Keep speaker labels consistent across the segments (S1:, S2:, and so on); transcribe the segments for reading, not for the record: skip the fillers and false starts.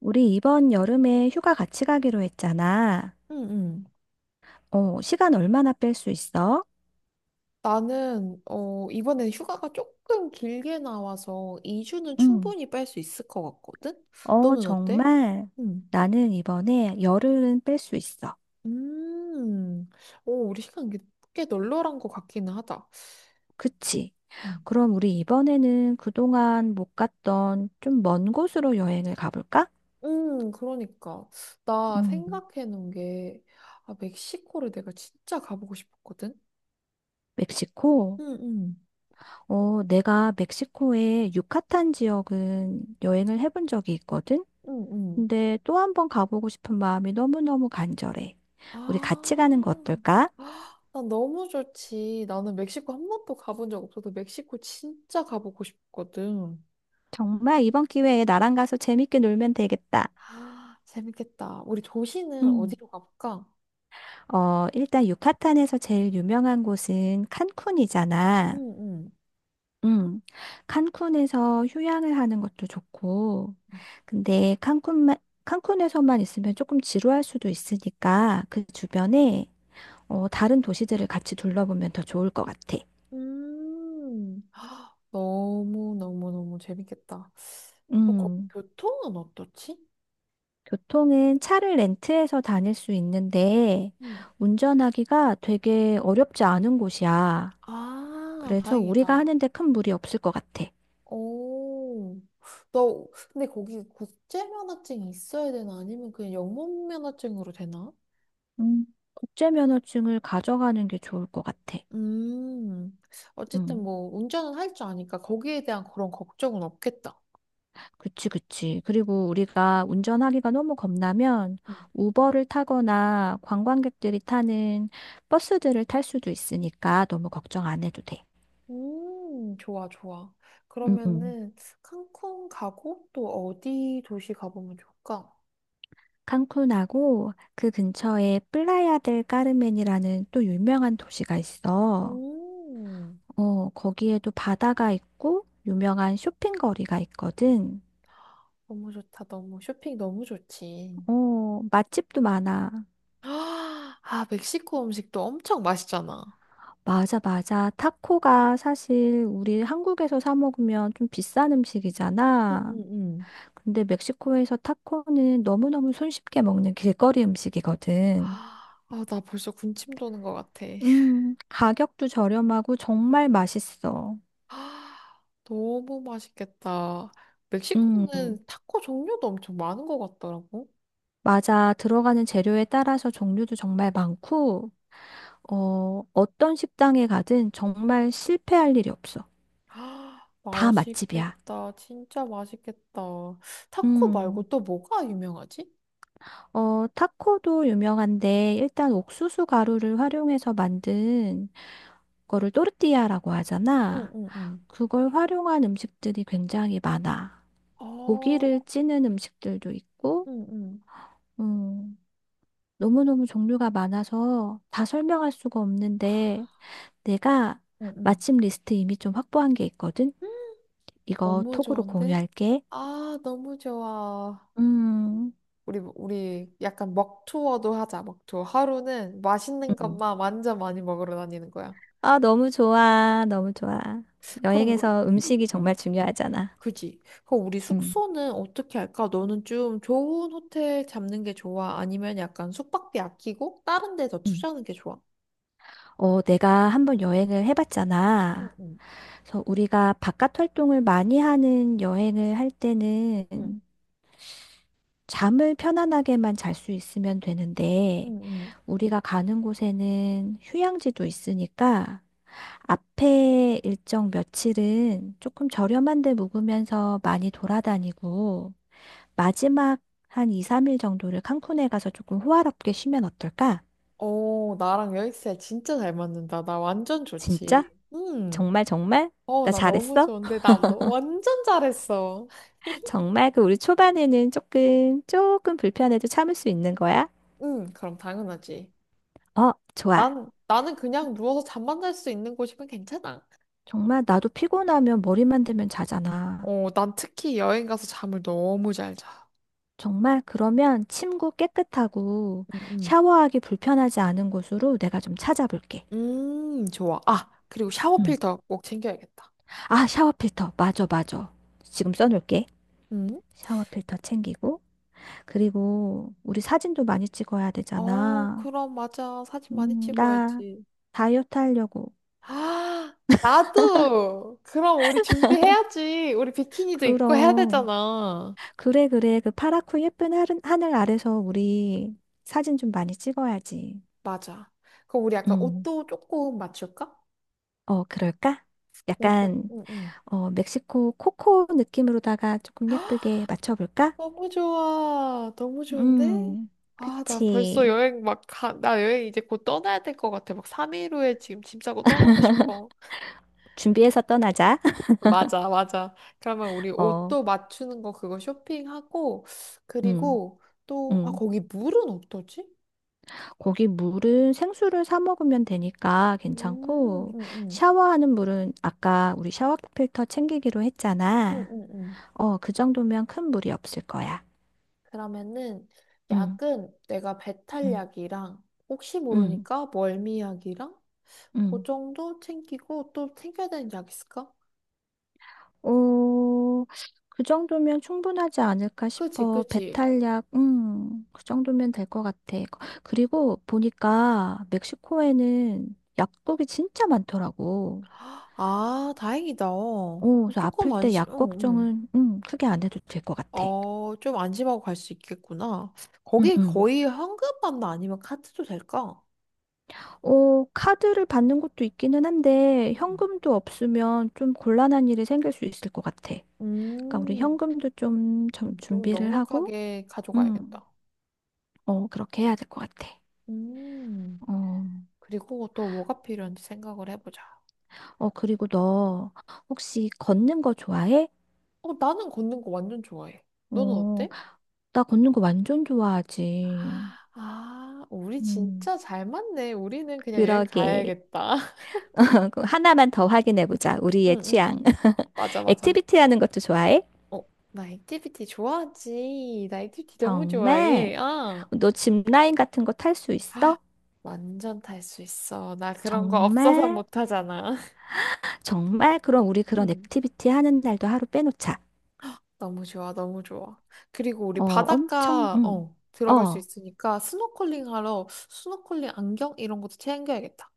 S1: 우리 이번 여름에 휴가 같이 가기로 했잖아.
S2: 응, 응.
S1: 시간 얼마나 뺄 수 있어?
S2: 나는, 이번에 휴가가 조금 길게 나와서 2주는
S1: 응,
S2: 충분히 뺄 수 있을 것 같거든? 너는 어때?
S1: 정말.
S2: 응.
S1: 나는 이번에 열흘은 뺄 수 있어.
S2: 음, 오, 우리 시간 꽤 널널한 것 같기는 하다.
S1: 그치?
S2: 음.
S1: 그럼 우리 이번에는 그동안 못 갔던 좀 먼 곳으로 여행을 가볼까?
S2: 그러니까. 나
S1: 응.
S2: 생각해 놓은 게, 아, 멕시코를 내가 진짜 가보고 싶었거든?
S1: 멕시코?
S2: 응, 응.
S1: 어, 내가 멕시코의 유카탄 지역은 여행을 해본 적이 있거든?
S2: 응, 응.
S1: 근데 또 한 번 가보고 싶은 마음이 너무너무 간절해.
S2: 아.
S1: 우리 같이 가는 거 어떨까?
S2: 난 너무 좋지. 나는 멕시코 한 번도 가본 적 없어서 멕시코 진짜 가보고 싶거든.
S1: 정말 이번 기회에 나랑 가서 재밌게 놀면 되겠다.
S2: 아, 재밌겠다. 우리 도시는
S1: 음.
S2: 어디로 가볼까?
S1: 어, 일단 유카탄에서 제일 유명한 곳은 칸쿤이잖아.
S2: 응, 응.
S1: 음. 칸쿤에서 휴양을 하는 것도 좋고. 근데 칸쿤만 칸쿤에서만 있으면 조금 지루할 수도 있으니까 그 주변에 다른 도시들을 같이 둘러보면 더 좋을 것 같아.
S2: 음, 너무너무너무 재밌겠다. 그리고
S1: 음.
S2: 교통은 어떻지?
S1: 교통은 차를 렌트해서 다닐 수 있는데
S2: 응.
S1: 운전하기가 되게 어렵지 않은 곳이야.
S2: 아,
S1: 그래서 우리가
S2: 다행이다.
S1: 하는데 큰 무리 없을 것 같아.
S2: 오, 너, 근데 거기 국제면허증이 있어야 되나? 아니면 그냥 영문면허증으로 되나?
S1: 음, 국제 면허증을 가져가는 게 좋을 것 같아.
S2: 음, 어쨌든
S1: 음,
S2: 뭐 운전은 할 줄 아니까 거기에 대한 그런 걱정은 없겠다.
S1: 그치, 그치. 그리고 우리가 운전하기가 너무 겁나면
S2: 음.
S1: 우버를 타거나 관광객들이 타는 버스들을 탈 수도 있으니까 너무 걱정 안 해도 돼.
S2: 좋아, 좋아.
S1: 음, 음.
S2: 그러면은 칸쿤 가고 또 어디 도시 가보면 좋을까?
S1: 칸쿤하고 그 근처에 플라야 델 까르멘이라는 또 유명한 도시가 있어.
S2: 음,
S1: 어, 거기에도 바다가 있고 유명한 쇼핑거리가 있거든.
S2: 너무 좋다. 너무 쇼핑 너무 좋지.
S1: 어, 맛집도 많아.
S2: 아, 멕시코 음식도 엄청 맛있잖아.
S1: 맞아, 맞아. 타코가 사실 우리 한국에서 사 먹으면 좀 비싼 음식이잖아.
S2: 응응응.
S1: 근데 멕시코에서 타코는 너무너무 손쉽게 먹는 길거리 음식이거든.
S2: 아, 나 벌써 군침 도는 것 같아.
S1: 가격도 저렴하고 정말 맛있어.
S2: 아, 너무 맛있겠다.
S1: 음,
S2: 멕시코는 타코 종류도 엄청 많은 것 같더라고.
S1: 맞아. 들어가는 재료에 따라서 종류도 정말 많고, 어떤 식당에 가든 정말 실패할 일이 없어.
S2: 아,
S1: 다 맛집이야.
S2: 맛있겠다. 진짜 맛있겠다. 타코 말고
S1: 음.
S2: 또 뭐가 유명하지?
S1: 어, 타코도 유명한데 일단 옥수수 가루를 활용해서 만든 거를 또르띠아라고
S2: 응,
S1: 하잖아.
S2: 응, 응.
S1: 그걸 활용한 음식들이 굉장히 많아. 고기를
S2: 어,
S1: 찌는 음식들도 있고,
S2: 응, 응,
S1: 음, 너무너무 종류가 많아서 다 설명할 수가 없는데 내가
S2: 응,
S1: 마침 리스트 이미 좀 확보한 게 있거든.
S2: 응.
S1: 이거
S2: 너무
S1: 톡으로
S2: 좋은데?
S1: 공유할게.
S2: 아, 너무 좋아.
S1: 음,
S2: 우리 약간 먹투어도 하자, 먹투어. 하루는 맛있는
S1: 음.
S2: 것만 완전 많이 먹으러 다니는 거야.
S1: 아, 너무 좋아. 너무 좋아.
S2: 그럼 우리,
S1: 여행에서 음식이
S2: 응, 응.
S1: 정말 중요하잖아.
S2: 그지? 그럼 우리
S1: 음.
S2: 숙소는 어떻게 할까? 너는 좀 좋은 호텔 잡는 게 좋아? 아니면 약간 숙박비 아끼고 다른 데 더
S1: 음.
S2: 투자하는 게 좋아?
S1: 어, 내가 한번 여행을
S2: 응,
S1: 해봤잖아.
S2: 응,
S1: 그래서 우리가 바깥 활동을 많이 하는 여행을 할 때는
S2: 응,
S1: 잠을 편안하게만 잘 수 있으면 되는데,
S2: 응, 응.
S1: 우리가 가는 곳에는 휴양지도 있으니까, 앞에 일정 며칠은 조금 저렴한 데 묵으면서 많이 돌아다니고, 마지막 한 2, 3일 정도를 칸쿤에 가서 조금 호화롭게 쉬면 어떨까?
S2: 어, 나랑 여행스 진짜 잘 맞는다. 나 완전
S1: 진짜?
S2: 좋지. 응.
S1: 정말 정말?
S2: 어,
S1: 나
S2: 나 너무
S1: 잘했어?
S2: 좋은데. 나 너 완전 잘했어.
S1: 정말 그 우리 초반에는 조금, 조금 불편해도 참을 수 있는 거야?
S2: 응, 그럼 당연하지.
S1: 어, 좋아.
S2: 나는 그냥 누워서 잠만 잘 수 있는 곳이면 괜찮아.
S1: 정말 나도 피곤하면 머리만 대면 자잖아.
S2: 어, 난 특히 여행 가서 잠을 너무 잘 자.
S1: 정말 그러면 침구 깨끗하고
S2: 응, 응.
S1: 샤워하기 불편하지 않은 곳으로 내가 좀 찾아볼게.
S2: 좋아. 아, 그리고 샤워
S1: 응.
S2: 필터 꼭 챙겨야겠다.
S1: 아, 샤워 필터. 맞아, 맞아. 지금 써놓을게.
S2: 음?
S1: 샤워 필터 챙기고. 그리고 우리 사진도 많이 찍어야
S2: 어,
S1: 되잖아.
S2: 그럼 맞아. 사진 많이
S1: 나
S2: 찍어야지.
S1: 다이어트 하려고.
S2: 아, 나도! 그럼 우리 준비해야지. 우리 비키니도 입고 해야
S1: 그럼.
S2: 되잖아.
S1: 그래, 그래. 그 파랗고 예쁜 하늘 아래서 우리 사진 좀 많이 찍어야지.
S2: 맞아. 그럼 우리 약간
S1: 음,
S2: 옷도 조금 맞출까?
S1: 어, 그럴까? 약간,
S2: 응, 응.
S1: 어, 멕시코 코코 느낌으로다가 조금 예쁘게 맞춰볼까?
S2: 너무 좋아. 너무 좋은데?
S1: 음,
S2: 아, 나 벌써
S1: 그치.
S2: 여행 막 나 여행 이제 곧 떠나야 될 것 같아. 막 3일 후에 지금 짐 싸고 떠나고 싶어.
S1: 준비해서 떠나자.
S2: 맞아, 맞아. 그러면 우리
S1: 어,
S2: 옷도 맞추는 거 그거 쇼핑하고,
S1: 음,
S2: 그리고 또, 아,
S1: 음.
S2: 거기 물은 어떠지?
S1: 거기 물은 생수를 사 먹으면 되니까
S2: 음, 음,
S1: 괜찮고,
S2: 음,
S1: 샤워하는 물은 아까 우리 샤워 필터 챙기기로
S2: 음,
S1: 했잖아.
S2: 음, 음.
S1: 어, 그 정도면 큰 물이 없을 거야.
S2: 그러면은
S1: 음,
S2: 약은 내가
S1: 음.
S2: 배탈약이랑 혹시
S1: 음,
S2: 모르니까 멀미약이랑 그
S1: 음.
S2: 정도 챙기고 또 챙겨야 되는 약 있을까?
S1: 어, 그 정도면 충분하지 않을까
S2: 그지,
S1: 싶어.
S2: 그지.
S1: 배탈약, 그 정도면 될 것 같아. 그리고 보니까 멕시코에는 약국이 진짜 많더라고.
S2: 아, 다행이다.
S1: 어, 그래서 아플
S2: 조금
S1: 때
S2: 안심, 응,
S1: 약
S2: 응.
S1: 걱정은, 크게 안 해도 될 것 같아.
S2: 어, 좀 안심하고 갈 수 있겠구나.
S1: 응,
S2: 거기
S1: 응,
S2: 거의 현금만 아니면 카드도 될까?
S1: 어, 카드를 받는 것도 있기는 한데,
S2: 음.
S1: 현금도 없으면 좀 곤란한 일이 생길 수 있을 것 같아. 그러니까 우리
S2: 음,
S1: 현금도 좀, 좀
S2: 좀
S1: 준비를 하고,
S2: 넉넉하게 가져가야겠다.
S1: 음, 어, 그렇게 해야 될 것 같아.
S2: 음,
S1: 어,
S2: 그리고 또 뭐가 필요한지 생각을 해보자.
S1: 어, 그리고 너 혹시 걷는 거 좋아해?
S2: 어, 나는 걷는 거 완전 좋아해. 너는
S1: 어,
S2: 어때?
S1: 나 걷는 거 완전 좋아하지.
S2: 아, 우리
S1: 음,
S2: 진짜 잘 맞네. 우리는 그냥 여행
S1: 그러게.
S2: 가야겠다.
S1: 그럼 하나만 더 확인해 보자.
S2: 응,
S1: 우리의
S2: 응,
S1: 취향.
S2: 응. 맞아, 맞아.
S1: 액티비티 하는 것도 좋아해?
S2: 어, 나 액티비티 좋아하지. 나 액티비티 너무
S1: 정말?
S2: 좋아해. 아.
S1: 너 짚라인 같은 거 탈 수 있어?
S2: 완전 탈 수 있어. 나 그런 거 없어서
S1: 정말?
S2: 못 하잖아.
S1: 정말? 그럼 우리 그런
S2: 음.
S1: 액티비티 하는 날도 하루 빼놓자.
S2: 너무 좋아, 너무 좋아. 그리고 우리
S1: 어, 엄청,
S2: 바닷가,
S1: 응.
S2: 어, 들어갈 수
S1: 어.
S2: 있으니까 스노클링 하러 스노클링 안경 이런 것도 챙겨야겠다.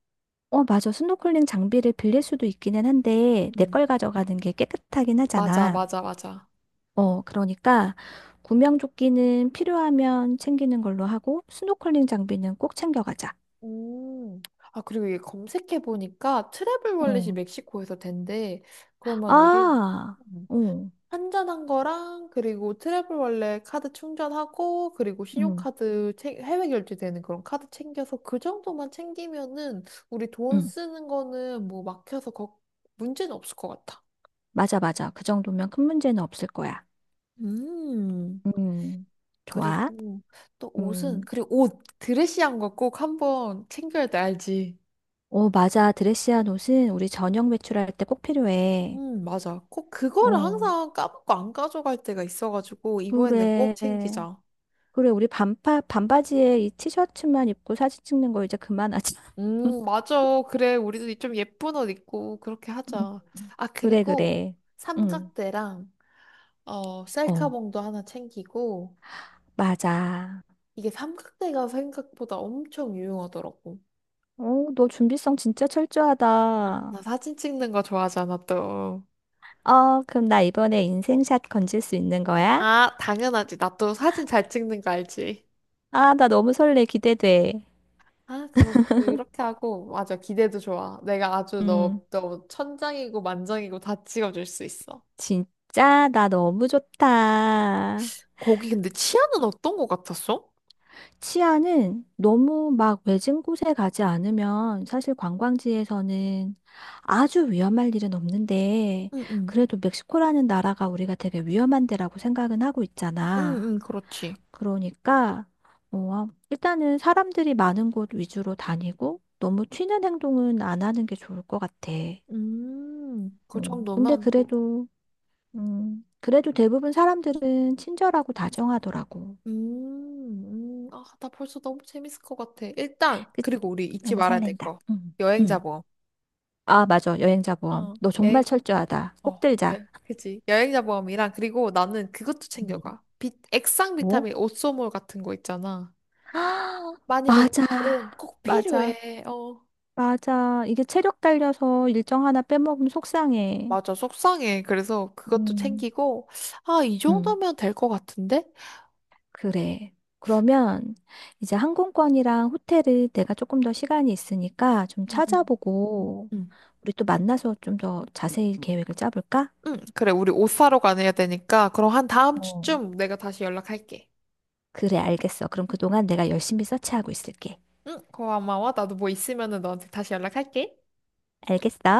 S1: 어, 맞아. 스노클링 장비를 빌릴 수도 있기는 한데, 내
S2: 음.
S1: 걸 가져가는 게 깨끗하긴
S2: 맞아,
S1: 하잖아.
S2: 맞아, 맞아.
S1: 어, 그러니까 구명조끼는 필요하면 챙기는 걸로 하고 스노클링 장비는 꼭 챙겨가자.
S2: 음. 아, 그리고 이게 검색해보니까 트래블 월렛이
S1: 어,
S2: 멕시코에서 된대. 그러면 우리,
S1: 아, 어,
S2: 환전한 거랑 그리고 트래블 원래 카드 충전하고 그리고
S1: 음,
S2: 신용카드 챙- 해외 결제되는 그런 카드 챙겨서 그 정도만 챙기면은 우리 돈
S1: 응,
S2: 쓰는 거는 뭐 막혀서 걱- 문제는 없을 것 같아.
S1: 맞아, 맞아. 그 정도면 큰 문제는 없을 거야.
S2: 음,
S1: 음, 좋아.
S2: 그리고 또 옷은
S1: 음,
S2: 그리고 옷 드레시한 거 꼭 한번 챙겨야 돼 알지?
S1: 오, 맞아. 드레시한 옷은 우리 저녁 외출할 때 꼭 필요해.
S2: 맞아. 꼭 그거를
S1: 어,
S2: 항상 까먹고 안 가져갈 때가 있어가지고 이번에는 꼭
S1: 그래.
S2: 챙기자.
S1: 그래, 우리 반파, 반바지에 이 티셔츠만 입고 사진 찍는 거 이제 그만하자.
S2: 맞아. 그래, 우리도 좀 예쁜 옷 입고 그렇게 하자. 아,
S1: 그래,
S2: 그리고
S1: 그래. 응.
S2: 삼각대랑 어,
S1: 어.
S2: 셀카봉도 하나 챙기고
S1: 맞아.
S2: 이게 삼각대가 생각보다 엄청 유용하더라고.
S1: 오, 너 준비성 진짜
S2: 아,
S1: 철저하다.
S2: 나 사진 찍는 거 좋아하잖아, 또.
S1: 어, 그럼 나 이번에 인생샷 건질 수 있는 거야?
S2: 아, 당연하지. 나 또 사진 잘 찍는 거 알지?
S1: 아, 나 너무 설레. 기대돼.
S2: 아, 그럼 그렇게 하고 맞아. 기대도 좋아. 내가 아주
S1: 음,
S2: 너 천장이고 만장이고 다 찍어줄 수 있어.
S1: 진짜 나 너무 좋다.
S2: 거기 근데 치아는 어떤 거 같았어?
S1: 치아는 너무 막 외진 곳에 가지 않으면 사실 관광지에서는 아주 위험할 일은 없는데
S2: 응응.
S1: 그래도 멕시코라는 나라가 우리가 되게 위험한 데라고 생각은 하고 있잖아.
S2: 응응, 그렇지.
S1: 그러니까, 어, 일단은 사람들이 많은 곳 위주로 다니고, 너무 튀는 행동은 안 하는 게 좋을 것 같아.
S2: 그
S1: 근데
S2: 정도면 뭐,
S1: 그래도, 그래도 대부분 사람들은 친절하고 다정하더라고.
S2: 아, 나 벌써 너무 재밌을 것 같아. 일단,
S1: 그,
S2: 그리고 우리 잊지
S1: 너무
S2: 말아야 될
S1: 설렌다.
S2: 거.
S1: 응,
S2: 여행자
S1: 응.
S2: 보험.
S1: 아, 맞아. 여행자 보험.
S2: 어.
S1: 너 정말 철저하다. 꼭
S2: 어,
S1: 들자.
S2: 예, 그치. 여행자 보험이랑, 그리고 나는 그것도
S1: 음.
S2: 챙겨가. 액상
S1: 뭐?
S2: 비타민 오쏘몰 같은 거 있잖아.
S1: 아,
S2: 많이 걷는
S1: 맞아.
S2: 날은 꼭
S1: 맞아.
S2: 필요해. 어.
S1: 맞아. 이게 체력 딸려서 일정 하나 빼먹으면 속상해.
S2: 맞아, 속상해. 그래서 그것도
S1: 음.
S2: 챙기고, 아, 이
S1: 응.
S2: 정도면 될 것 같은데?
S1: 그래. 그러면 이제 항공권이랑 호텔을 내가 조금 더 시간이 있으니까 좀
S2: 응응
S1: 찾아보고 우리 또 만나서 좀 더 자세히 계획을 짜볼까?
S2: 응, 그래, 우리 옷 사러 가야 되니까, 그럼 한 다음
S1: 어.
S2: 주쯤 내가 다시 연락할게.
S1: 그래, 알겠어. 그럼 그동안 내가 열심히 서치하고 있을게.
S2: 응, 고마워. 나도 뭐 있으면은 너한테 다시 연락할게.
S1: 알겠어?